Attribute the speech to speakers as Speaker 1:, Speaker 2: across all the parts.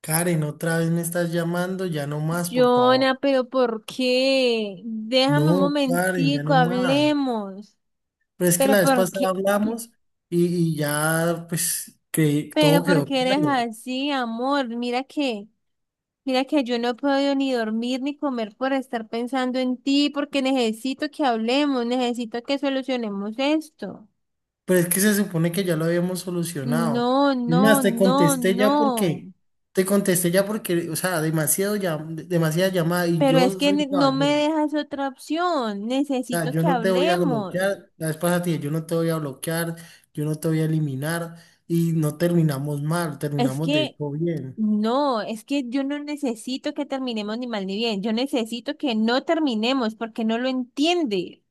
Speaker 1: Karen, otra vez me estás llamando, ya no más, por favor.
Speaker 2: Jonah, pero ¿por qué? Déjame un
Speaker 1: No, Karen, ya
Speaker 2: momentico,
Speaker 1: no más.
Speaker 2: hablemos.
Speaker 1: Pero es que
Speaker 2: Pero
Speaker 1: la vez
Speaker 2: ¿por
Speaker 1: pasada
Speaker 2: qué?
Speaker 1: hablamos y, y ya, pues, que todo
Speaker 2: Pero ¿por
Speaker 1: quedó
Speaker 2: qué eres
Speaker 1: claro.
Speaker 2: así, amor? Mira que yo no puedo ni dormir ni comer por estar pensando en ti, porque necesito que hablemos, necesito que solucionemos esto.
Speaker 1: Pero es que se supone que ya lo habíamos solucionado.
Speaker 2: No,
Speaker 1: Es más,
Speaker 2: no, no, no.
Speaker 1: te contesté ya porque, o sea, demasiado ya, demasiada llamada y
Speaker 2: Pero es
Speaker 1: yo
Speaker 2: que
Speaker 1: soy un
Speaker 2: no me
Speaker 1: caballero.
Speaker 2: dejas otra opción.
Speaker 1: O sea,
Speaker 2: Necesito
Speaker 1: yo
Speaker 2: que
Speaker 1: no te voy a
Speaker 2: hablemos.
Speaker 1: bloquear. La vez pasada te dije, yo no te voy a bloquear, yo no te voy a eliminar y no terminamos mal,
Speaker 2: Es
Speaker 1: terminamos de
Speaker 2: que
Speaker 1: hecho bien.
Speaker 2: no, es que yo no necesito que terminemos ni mal ni bien, yo necesito que no terminemos porque no lo entiende.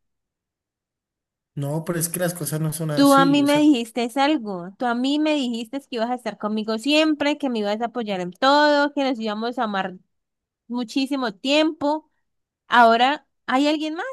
Speaker 1: No, pero es que las cosas no son
Speaker 2: Tú a mí
Speaker 1: así, o
Speaker 2: me
Speaker 1: sea,
Speaker 2: dijiste algo, tú a mí me dijiste que ibas a estar conmigo siempre, que me ibas a apoyar en todo, que nos íbamos a amar muchísimo tiempo. Ahora hay alguien más.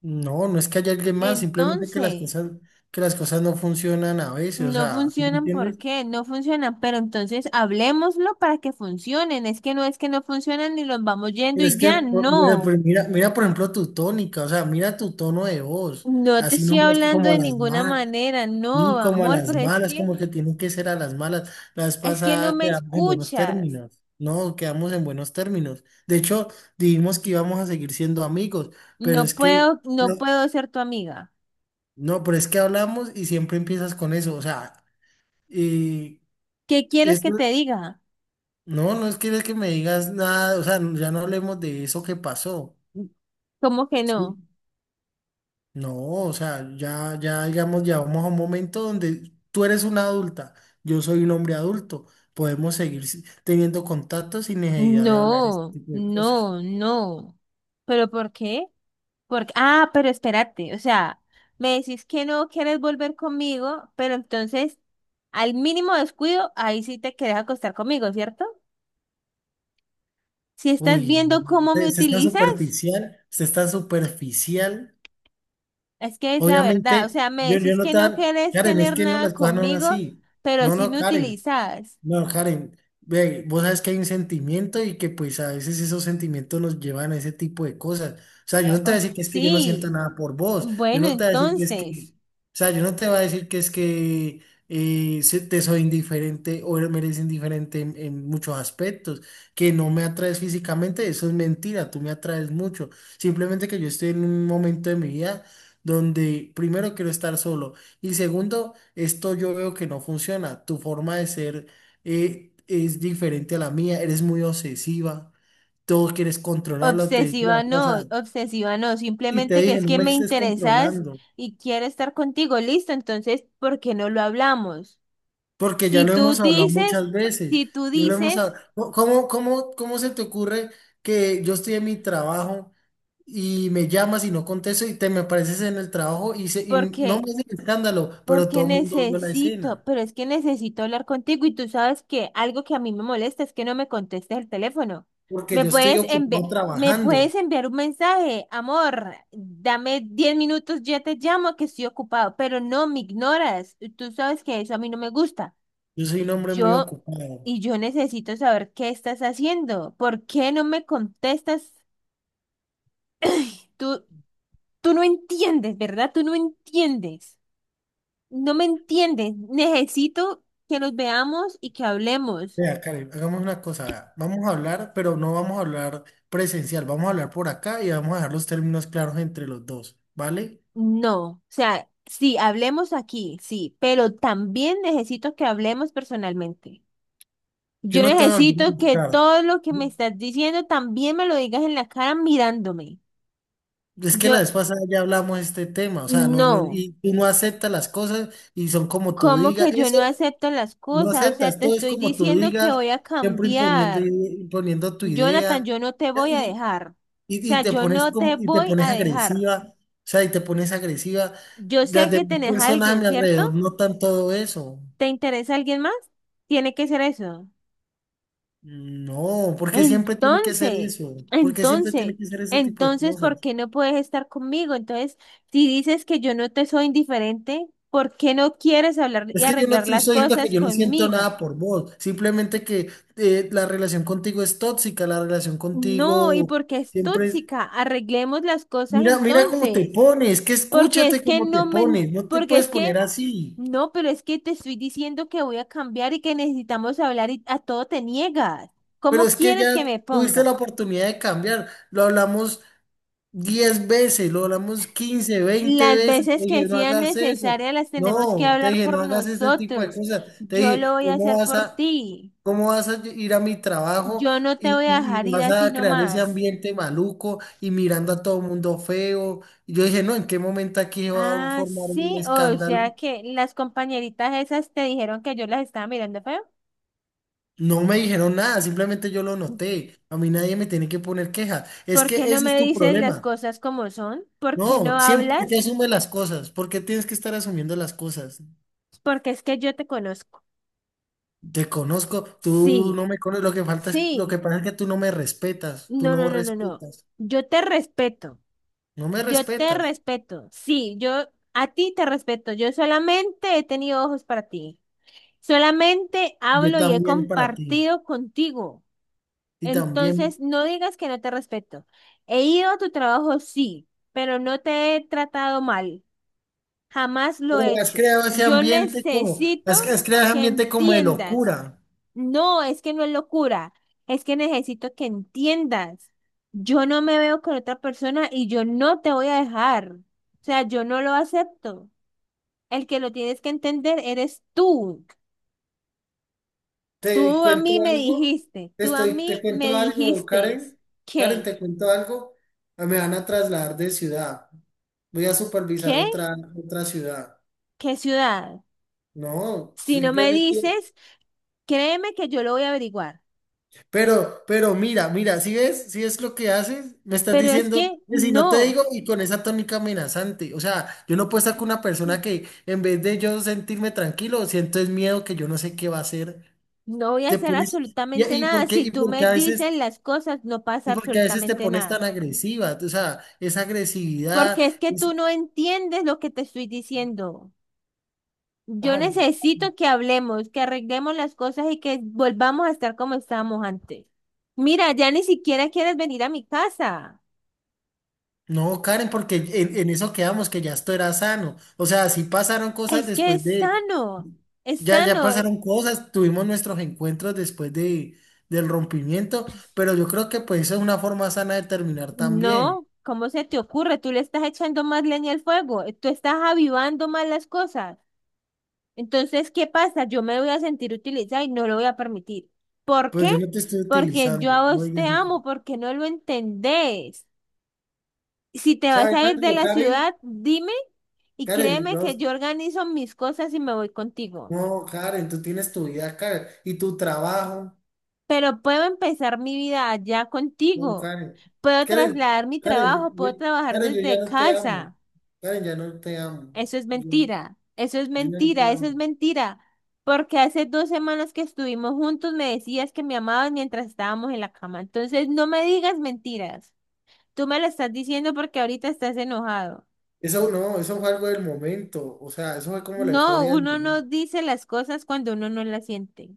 Speaker 1: no, no es que haya alguien más, simplemente
Speaker 2: Entonces,
Speaker 1: que las cosas no funcionan a veces, o
Speaker 2: no
Speaker 1: sea, ¿sí me
Speaker 2: funcionan, ¿por
Speaker 1: entiendes?
Speaker 2: qué? No funcionan, pero entonces hablemoslo para que funcionen. Es que no funcionan y los vamos yendo
Speaker 1: Pero
Speaker 2: y
Speaker 1: es que,
Speaker 2: ya,
Speaker 1: mira,
Speaker 2: no.
Speaker 1: mira, mira, por ejemplo, tu tónica, o sea, mira tu tono de voz,
Speaker 2: No te
Speaker 1: así no
Speaker 2: estoy
Speaker 1: hablas
Speaker 2: hablando
Speaker 1: como a
Speaker 2: de
Speaker 1: las
Speaker 2: ninguna
Speaker 1: malas,
Speaker 2: manera, no,
Speaker 1: ni como a
Speaker 2: amor,
Speaker 1: las
Speaker 2: pero
Speaker 1: malas, como que tienen que ser a las malas. La vez
Speaker 2: es que no
Speaker 1: pasada
Speaker 2: me
Speaker 1: quedamos en buenos
Speaker 2: escuchas.
Speaker 1: términos, no, quedamos en buenos términos. De hecho, dijimos que íbamos a seguir siendo amigos, pero
Speaker 2: No
Speaker 1: es que...
Speaker 2: puedo, no
Speaker 1: no,
Speaker 2: puedo ser tu amiga.
Speaker 1: no, pero es que hablamos y siempre empiezas con eso. O sea, y
Speaker 2: ¿Qué quieres
Speaker 1: es,
Speaker 2: que te diga?
Speaker 1: no, no es que me digas nada, o sea, ya no hablemos de eso que pasó,
Speaker 2: ¿Cómo que
Speaker 1: ¿sí?
Speaker 2: no?
Speaker 1: No, o sea, ya digamos, ya vamos a un momento donde tú eres una adulta, yo soy un hombre adulto, podemos seguir teniendo contacto sin necesidad de hablar este
Speaker 2: No,
Speaker 1: tipo de cosas.
Speaker 2: no, no. ¿Pero por qué? Porque, ah, pero espérate, o sea, me decís que no quieres volver conmigo, pero entonces, al mínimo descuido, ahí sí te querés acostar conmigo, ¿cierto? Si estás
Speaker 1: Uy, no,
Speaker 2: viendo
Speaker 1: no,
Speaker 2: cómo
Speaker 1: usted
Speaker 2: me
Speaker 1: usted es tan
Speaker 2: utilizas.
Speaker 1: superficial, usted es tan superficial.
Speaker 2: Es que es la verdad, o
Speaker 1: Obviamente,
Speaker 2: sea, me
Speaker 1: yo
Speaker 2: decís
Speaker 1: no
Speaker 2: que no
Speaker 1: tan,
Speaker 2: querés
Speaker 1: Karen, es
Speaker 2: tener
Speaker 1: que no,
Speaker 2: nada
Speaker 1: las cosas no son
Speaker 2: conmigo,
Speaker 1: así.
Speaker 2: pero
Speaker 1: No,
Speaker 2: sí
Speaker 1: no,
Speaker 2: me
Speaker 1: Karen.
Speaker 2: utilizás.
Speaker 1: No, Karen, ve, vos sabes que hay un sentimiento y que pues a veces esos sentimientos nos llevan a ese tipo de cosas. O sea, yo no te voy a
Speaker 2: Oh,
Speaker 1: decir que es que yo no siento
Speaker 2: sí,
Speaker 1: nada por vos, yo
Speaker 2: bueno,
Speaker 1: no te voy a decir que es que,
Speaker 2: entonces,
Speaker 1: o sea, yo no te voy a decir que es que te soy indiferente o me eres indiferente en muchos aspectos, que no me atraes físicamente, eso es mentira, tú me atraes mucho. Simplemente que yo estoy en un momento de mi vida donde primero quiero estar solo y segundo, esto yo veo que no funciona, tu forma de ser es diferente a la mía, eres muy obsesiva, todo quieres controlarlo, te dije la vez pasada,
Speaker 2: obsesiva no,
Speaker 1: y te
Speaker 2: simplemente que
Speaker 1: dije,
Speaker 2: es
Speaker 1: no
Speaker 2: que
Speaker 1: me
Speaker 2: me
Speaker 1: estés
Speaker 2: interesás
Speaker 1: controlando,
Speaker 2: y quiero estar contigo, listo, entonces, ¿por qué no lo hablamos?
Speaker 1: porque ya
Speaker 2: Si
Speaker 1: lo
Speaker 2: tú
Speaker 1: hemos hablado
Speaker 2: dices,
Speaker 1: muchas veces,
Speaker 2: si tú
Speaker 1: ya lo hemos
Speaker 2: dices,
Speaker 1: hablado, cómo se te ocurre que yo estoy en mi trabajo y me llamas y no contesto y te me apareces en el trabajo y no
Speaker 2: porque
Speaker 1: me hacen escándalo, pero
Speaker 2: porque
Speaker 1: todo el mundo vio la
Speaker 2: necesito,
Speaker 1: escena,
Speaker 2: pero es que necesito hablar contigo y tú sabes que algo que a mí me molesta es que no me contestes el teléfono.
Speaker 1: porque
Speaker 2: Me
Speaker 1: yo estoy
Speaker 2: puedes enviar,
Speaker 1: ocupado
Speaker 2: Me
Speaker 1: trabajando,
Speaker 2: puedes enviar un mensaje, amor, dame 10 minutos, ya te llamo que estoy ocupado, pero no me ignoras. Y tú sabes que eso a mí no me gusta.
Speaker 1: yo soy un
Speaker 2: Y
Speaker 1: hombre muy
Speaker 2: yo,
Speaker 1: ocupado.
Speaker 2: y yo necesito saber qué estás haciendo. ¿Por qué no me contestas? Tú, tú no entiendes, ¿verdad? Tú no entiendes. No me entienden. Necesito que nos veamos y que hablemos.
Speaker 1: Vea, Karen, hagamos una cosa, vea. Vamos a hablar, pero no vamos a hablar presencial, vamos a hablar por acá y vamos a dejar los términos claros entre los dos, ¿vale?
Speaker 2: No, o sea, sí, hablemos aquí, sí, pero también necesito que hablemos personalmente.
Speaker 1: Yo
Speaker 2: Yo
Speaker 1: no te voy a volver a
Speaker 2: necesito que
Speaker 1: buscar.
Speaker 2: todo lo que me estás diciendo también me lo digas en la cara mirándome.
Speaker 1: Es que
Speaker 2: Yo,
Speaker 1: la vez pasada ya hablamos de este tema, o sea, no,
Speaker 2: no,
Speaker 1: y tú no aceptas las cosas y son como tú
Speaker 2: ¿cómo
Speaker 1: digas,
Speaker 2: que yo
Speaker 1: eso
Speaker 2: no acepto las
Speaker 1: no
Speaker 2: cosas? O sea,
Speaker 1: aceptas,
Speaker 2: te
Speaker 1: todo es
Speaker 2: estoy
Speaker 1: como tú
Speaker 2: diciendo que
Speaker 1: digas,
Speaker 2: voy a
Speaker 1: siempre imponiendo,
Speaker 2: cambiar.
Speaker 1: imponiendo tu
Speaker 2: Jonathan,
Speaker 1: idea.
Speaker 2: yo no te voy a dejar. O
Speaker 1: Y
Speaker 2: sea,
Speaker 1: te
Speaker 2: yo
Speaker 1: pones
Speaker 2: no te
Speaker 1: como, y te
Speaker 2: voy a
Speaker 1: pones
Speaker 2: dejar.
Speaker 1: agresiva, o sea, y te pones agresiva.
Speaker 2: Yo sé
Speaker 1: Las
Speaker 2: que
Speaker 1: demás
Speaker 2: tenés a
Speaker 1: personas a
Speaker 2: alguien,
Speaker 1: mi
Speaker 2: ¿cierto?
Speaker 1: alrededor notan todo eso.
Speaker 2: ¿Te interesa alguien más? Tiene que ser eso.
Speaker 1: No, porque siempre tiene que ser
Speaker 2: Entonces,
Speaker 1: eso? Porque siempre
Speaker 2: entonces,
Speaker 1: tiene que ser ese tipo de
Speaker 2: entonces, ¿por
Speaker 1: cosas?
Speaker 2: qué no puedes estar conmigo? Entonces, si dices que yo no te soy indiferente, ¿por qué no quieres hablar y
Speaker 1: Es que yo no te
Speaker 2: arreglar
Speaker 1: estoy
Speaker 2: las
Speaker 1: diciendo que
Speaker 2: cosas
Speaker 1: yo no siento
Speaker 2: conmigo?
Speaker 1: nada por vos, simplemente que la relación contigo es tóxica, la relación
Speaker 2: No, y
Speaker 1: contigo
Speaker 2: porque es
Speaker 1: siempre es...
Speaker 2: tóxica, arreglemos las cosas
Speaker 1: Mira, mira cómo te
Speaker 2: entonces.
Speaker 1: pones, que
Speaker 2: Porque es
Speaker 1: escúchate
Speaker 2: que
Speaker 1: cómo te
Speaker 2: no me,
Speaker 1: pones, no te
Speaker 2: porque
Speaker 1: puedes
Speaker 2: es
Speaker 1: poner
Speaker 2: que,
Speaker 1: así,
Speaker 2: no, pero es que te estoy diciendo que voy a cambiar y que necesitamos hablar y a todo te niegas.
Speaker 1: pero
Speaker 2: ¿Cómo
Speaker 1: es que
Speaker 2: quieres
Speaker 1: ya
Speaker 2: que me
Speaker 1: tuviste la
Speaker 2: ponga?
Speaker 1: oportunidad de cambiar, lo hablamos. 10 veces, lo hablamos 15 20
Speaker 2: Las
Speaker 1: veces, te
Speaker 2: veces
Speaker 1: dije,
Speaker 2: que
Speaker 1: no
Speaker 2: sean
Speaker 1: hagas eso,
Speaker 2: necesarias las tenemos que
Speaker 1: no, te
Speaker 2: hablar
Speaker 1: dije,
Speaker 2: por
Speaker 1: no hagas ese tipo de
Speaker 2: nosotros.
Speaker 1: cosas, te
Speaker 2: Yo
Speaker 1: dije,
Speaker 2: lo voy a hacer por ti.
Speaker 1: cómo vas a ir a mi trabajo
Speaker 2: Yo no te voy a dejar
Speaker 1: y
Speaker 2: ir
Speaker 1: vas
Speaker 2: así
Speaker 1: a crear ese
Speaker 2: nomás.
Speaker 1: ambiente maluco y mirando a todo el mundo feo? Y yo dije, no, ¿en qué momento aquí se va a
Speaker 2: Ah,
Speaker 1: formar un
Speaker 2: sí, o
Speaker 1: escándalo?
Speaker 2: sea que las compañeritas esas te dijeron que yo las estaba mirando feo.
Speaker 1: No me dijeron nada, simplemente yo lo noté, a mí nadie me tiene que poner queja, es
Speaker 2: ¿Por
Speaker 1: que
Speaker 2: qué no
Speaker 1: ese es
Speaker 2: me
Speaker 1: tu
Speaker 2: dices las
Speaker 1: problema.
Speaker 2: cosas como son? ¿Por qué
Speaker 1: No,
Speaker 2: no
Speaker 1: siempre te
Speaker 2: hablas?
Speaker 1: asume las cosas. ¿Por qué tienes que estar asumiendo las cosas?
Speaker 2: Porque es que yo te conozco.
Speaker 1: Te conozco, tú
Speaker 2: Sí,
Speaker 1: no me conoces, lo que falta es, lo que
Speaker 2: sí.
Speaker 1: pasa es que tú no me respetas, tú
Speaker 2: No, no,
Speaker 1: no
Speaker 2: no, no, no.
Speaker 1: respetas,
Speaker 2: Yo te respeto.
Speaker 1: no me
Speaker 2: Yo te
Speaker 1: respetas,
Speaker 2: respeto. Sí, yo a ti te respeto. Yo solamente he tenido ojos para ti. Solamente
Speaker 1: yo
Speaker 2: hablo y he
Speaker 1: también para ti,
Speaker 2: compartido contigo.
Speaker 1: y también,
Speaker 2: Entonces, no digas que no te respeto. He ido a tu trabajo, sí, pero no te he tratado mal. Jamás lo he
Speaker 1: pero has
Speaker 2: hecho.
Speaker 1: creado ese
Speaker 2: Yo
Speaker 1: ambiente como,
Speaker 2: necesito
Speaker 1: has creado ese
Speaker 2: que
Speaker 1: ambiente como de
Speaker 2: entiendas.
Speaker 1: locura.
Speaker 2: No, es que no es locura, es que necesito que entiendas. Yo no me veo con otra persona y yo no te voy a dejar. O sea, yo no lo acepto. El que lo tienes que entender eres tú.
Speaker 1: ¿Te
Speaker 2: Tú a
Speaker 1: cuento
Speaker 2: mí me
Speaker 1: algo?
Speaker 2: dijiste, Tú a
Speaker 1: Te
Speaker 2: mí me
Speaker 1: cuento algo,
Speaker 2: dijiste,
Speaker 1: Karen, Karen,
Speaker 2: ¿qué?
Speaker 1: te cuento algo, ah, me van a trasladar de ciudad, voy a supervisar
Speaker 2: ¿Qué?
Speaker 1: otra ciudad,
Speaker 2: ¿Qué ciudad?
Speaker 1: no,
Speaker 2: Si no me
Speaker 1: simplemente
Speaker 2: dices, créeme que yo lo voy a averiguar.
Speaker 1: pero mira, mira, si ves, si ves lo que haces, me estás
Speaker 2: Pero es
Speaker 1: diciendo
Speaker 2: que
Speaker 1: que si no te
Speaker 2: no.
Speaker 1: digo y con esa tónica amenazante, o sea, yo no puedo estar con una persona que en vez de yo sentirme tranquilo, siento es miedo que yo no sé qué va a hacer,
Speaker 2: No voy a
Speaker 1: te
Speaker 2: hacer
Speaker 1: pones,
Speaker 2: absolutamente
Speaker 1: y
Speaker 2: nada.
Speaker 1: por qué,
Speaker 2: Si tú me dices las cosas, no pasa
Speaker 1: y por qué a veces te
Speaker 2: absolutamente
Speaker 1: pones
Speaker 2: nada.
Speaker 1: tan agresiva, o sea, esa agresividad,
Speaker 2: Porque es que
Speaker 1: esa-
Speaker 2: tú no entiendes lo que te estoy diciendo. Yo
Speaker 1: ay,
Speaker 2: necesito que hablemos, que arreglemos las cosas y que volvamos a estar como estábamos antes. Mira, ya ni siquiera quieres venir a mi casa.
Speaker 1: no, Karen, porque en eso quedamos, que ya esto era sano, o sea, sí pasaron cosas
Speaker 2: Es que
Speaker 1: después
Speaker 2: es
Speaker 1: de.
Speaker 2: sano, es
Speaker 1: Ya
Speaker 2: sano.
Speaker 1: pasaron cosas, tuvimos nuestros encuentros después de, del rompimiento, pero yo creo que pues esa es una forma sana de terminar también.
Speaker 2: No, ¿cómo se te ocurre? Tú le estás echando más leña al fuego, tú estás avivando más las cosas. Entonces, ¿qué pasa? Yo me voy a sentir utilizada y no lo voy a permitir. ¿Por
Speaker 1: Pues
Speaker 2: qué?
Speaker 1: yo no te estoy
Speaker 2: Porque yo
Speaker 1: utilizando,
Speaker 2: a
Speaker 1: no
Speaker 2: vos te
Speaker 1: digas eso.
Speaker 2: amo, porque no lo entendés. Si te vas
Speaker 1: ¿Sabes
Speaker 2: a ir de
Speaker 1: algo,
Speaker 2: la
Speaker 1: Karen?
Speaker 2: ciudad, dime y
Speaker 1: Karen,
Speaker 2: créeme
Speaker 1: yo,
Speaker 2: que yo organizo mis cosas y me voy contigo.
Speaker 1: no, Karen, tú tienes tu vida, Karen, y tu trabajo,
Speaker 2: Pero puedo empezar mi vida allá
Speaker 1: no,
Speaker 2: contigo.
Speaker 1: Karen.
Speaker 2: Puedo
Speaker 1: Karen,
Speaker 2: trasladar mi
Speaker 1: Karen,
Speaker 2: trabajo, puedo trabajar
Speaker 1: Karen, yo ya
Speaker 2: desde
Speaker 1: no te amo.
Speaker 2: casa.
Speaker 1: Karen, ya no te amo.
Speaker 2: Eso es
Speaker 1: Yo,
Speaker 2: mentira, eso es
Speaker 1: yo ya no te
Speaker 2: mentira, eso
Speaker 1: amo.
Speaker 2: es mentira. Porque hace 2 semanas que estuvimos juntos me decías que me amabas mientras estábamos en la cama. Entonces no me digas mentiras. Tú me lo estás diciendo porque ahorita estás enojado.
Speaker 1: Eso no, eso fue algo del momento, o sea, eso fue como la
Speaker 2: No,
Speaker 1: euforia del
Speaker 2: uno no
Speaker 1: momento.
Speaker 2: dice las cosas cuando uno no las siente.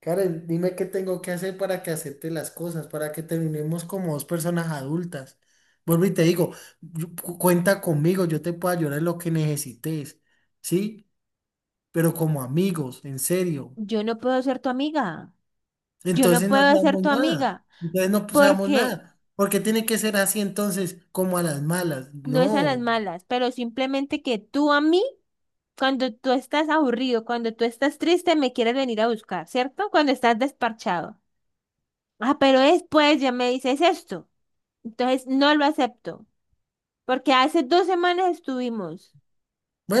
Speaker 1: Karen, dime qué tengo que hacer para que acepte las cosas, para que terminemos como dos personas adultas. Vuelvo y te digo, cuenta conmigo, yo te puedo ayudar en lo que necesites, ¿sí? Pero como amigos, en serio.
Speaker 2: Yo no puedo ser tu amiga. Yo no
Speaker 1: Entonces no
Speaker 2: puedo ser
Speaker 1: seamos
Speaker 2: tu
Speaker 1: nada,
Speaker 2: amiga
Speaker 1: entonces no pues, seamos
Speaker 2: porque
Speaker 1: nada. ¿Porque tiene que ser así entonces, como a las malas?
Speaker 2: no es a las
Speaker 1: No.
Speaker 2: malas, pero simplemente que tú a mí, cuando tú estás aburrido, cuando tú estás triste, me quieres venir a buscar, ¿cierto? Cuando estás desparchado. Ah, pero después ya me dices esto. Entonces no lo acepto porque hace 2 semanas estuvimos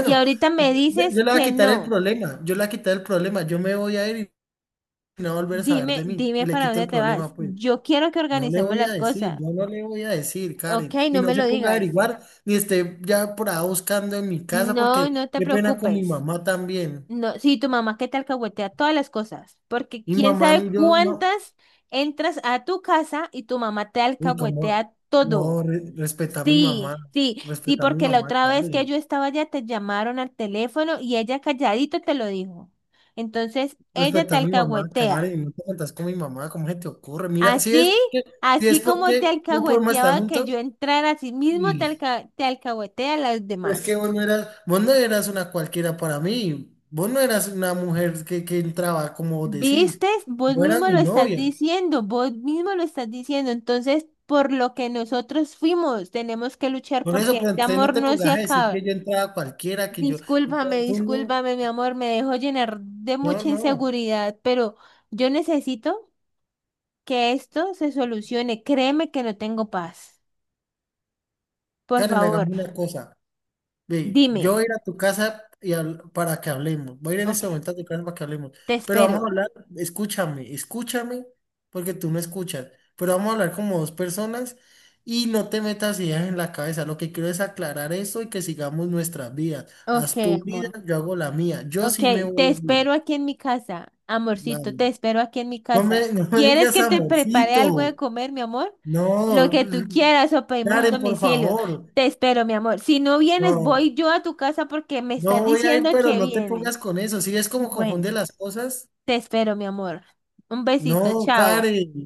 Speaker 2: y ahorita me
Speaker 1: yo
Speaker 2: dices que no.
Speaker 1: yo le voy a quitar el problema, yo me voy a ir y no va a volver a saber
Speaker 2: Dime,
Speaker 1: de mí
Speaker 2: dime
Speaker 1: y le
Speaker 2: para
Speaker 1: quito
Speaker 2: dónde
Speaker 1: el
Speaker 2: te
Speaker 1: problema,
Speaker 2: vas.
Speaker 1: pues.
Speaker 2: Yo quiero que
Speaker 1: No le
Speaker 2: organicemos
Speaker 1: voy a
Speaker 2: las
Speaker 1: decir,
Speaker 2: cosas.
Speaker 1: yo no le voy a decir,
Speaker 2: Ok,
Speaker 1: Karen. Y
Speaker 2: no
Speaker 1: no
Speaker 2: me
Speaker 1: se
Speaker 2: lo
Speaker 1: ponga a
Speaker 2: digas.
Speaker 1: averiguar ni esté ya por ahí buscando en mi casa
Speaker 2: No,
Speaker 1: porque
Speaker 2: no te
Speaker 1: qué pena con mi
Speaker 2: preocupes.
Speaker 1: mamá también.
Speaker 2: No, sí, tu mamá que te alcahuetea todas las cosas, porque
Speaker 1: Mi
Speaker 2: quién
Speaker 1: mamá,
Speaker 2: sabe
Speaker 1: ni yo no.
Speaker 2: cuántas entras a tu casa y tu mamá te
Speaker 1: Y como,
Speaker 2: alcahuetea todo.
Speaker 1: no, respeta a mi mamá,
Speaker 2: Sí, sí, sí,
Speaker 1: respeta a mi
Speaker 2: porque la
Speaker 1: mamá,
Speaker 2: otra vez que
Speaker 1: Karen.
Speaker 2: yo estaba allá te llamaron al teléfono y ella calladito te lo dijo. Entonces, ella te
Speaker 1: Respeta a mi mamá,
Speaker 2: alcahuetea.
Speaker 1: Karen. No te metas con mi mamá, ¿cómo se te ocurre? Mira, si es
Speaker 2: Así,
Speaker 1: porque, si es
Speaker 2: así como te
Speaker 1: porque no podemos estar
Speaker 2: alcahueteaba que
Speaker 1: juntos.
Speaker 2: yo entrara, así mismo te alcahuetea a las
Speaker 1: Pero es que
Speaker 2: demás.
Speaker 1: vos no eras una cualquiera para mí. Vos no eras una mujer que entraba, como vos decís.
Speaker 2: ¿Viste? Vos
Speaker 1: Vos eras
Speaker 2: mismo
Speaker 1: mi
Speaker 2: lo estás
Speaker 1: novia.
Speaker 2: diciendo, vos mismo lo estás diciendo. Entonces, por lo que nosotros fuimos, tenemos que luchar
Speaker 1: Por eso,
Speaker 2: porque
Speaker 1: pues
Speaker 2: este
Speaker 1: entonces no
Speaker 2: amor
Speaker 1: te
Speaker 2: no se
Speaker 1: pongas a decir que
Speaker 2: acaba.
Speaker 1: yo entraba cualquiera, que yo.
Speaker 2: Discúlpame,
Speaker 1: Tú no,
Speaker 2: discúlpame, mi amor, me dejo llenar de
Speaker 1: no,
Speaker 2: mucha
Speaker 1: no.
Speaker 2: inseguridad, pero yo necesito que esto se solucione. Créeme que no tengo paz. Por
Speaker 1: Karen,
Speaker 2: favor,
Speaker 1: hagamos una cosa. Ve, yo
Speaker 2: dime.
Speaker 1: voy a ir a tu casa y para que hablemos. Voy a ir en
Speaker 2: Ok,
Speaker 1: este momento a tu casa para que hablemos.
Speaker 2: te
Speaker 1: Pero vamos a
Speaker 2: espero.
Speaker 1: hablar, escúchame, porque tú no escuchas. Pero vamos a hablar como dos personas y no te metas ideas en la cabeza. Lo que quiero es aclarar eso y que sigamos nuestras vidas.
Speaker 2: Ok,
Speaker 1: Haz tu vida,
Speaker 2: amor.
Speaker 1: yo hago la mía. Yo
Speaker 2: Ok,
Speaker 1: sí me
Speaker 2: te
Speaker 1: voy a ir.
Speaker 2: espero aquí en mi casa, amorcito,
Speaker 1: Vale.
Speaker 2: te espero aquí en mi casa.
Speaker 1: No me
Speaker 2: ¿Quieres
Speaker 1: digas
Speaker 2: que te prepare algo
Speaker 1: amorcito.
Speaker 2: de comer, mi amor? Lo
Speaker 1: No,
Speaker 2: que tú quieras o pedimos un
Speaker 1: Karen, por
Speaker 2: domicilio.
Speaker 1: favor.
Speaker 2: Te espero, mi amor. Si no vienes,
Speaker 1: No.
Speaker 2: voy yo a tu casa porque me
Speaker 1: No
Speaker 2: estás
Speaker 1: voy a ir,
Speaker 2: diciendo
Speaker 1: pero
Speaker 2: que
Speaker 1: no te
Speaker 2: vienes.
Speaker 1: pongas con eso. Si es como
Speaker 2: Bueno,
Speaker 1: confunde las cosas.
Speaker 2: te espero, mi amor. Un besito,
Speaker 1: No,
Speaker 2: chao.
Speaker 1: Karen.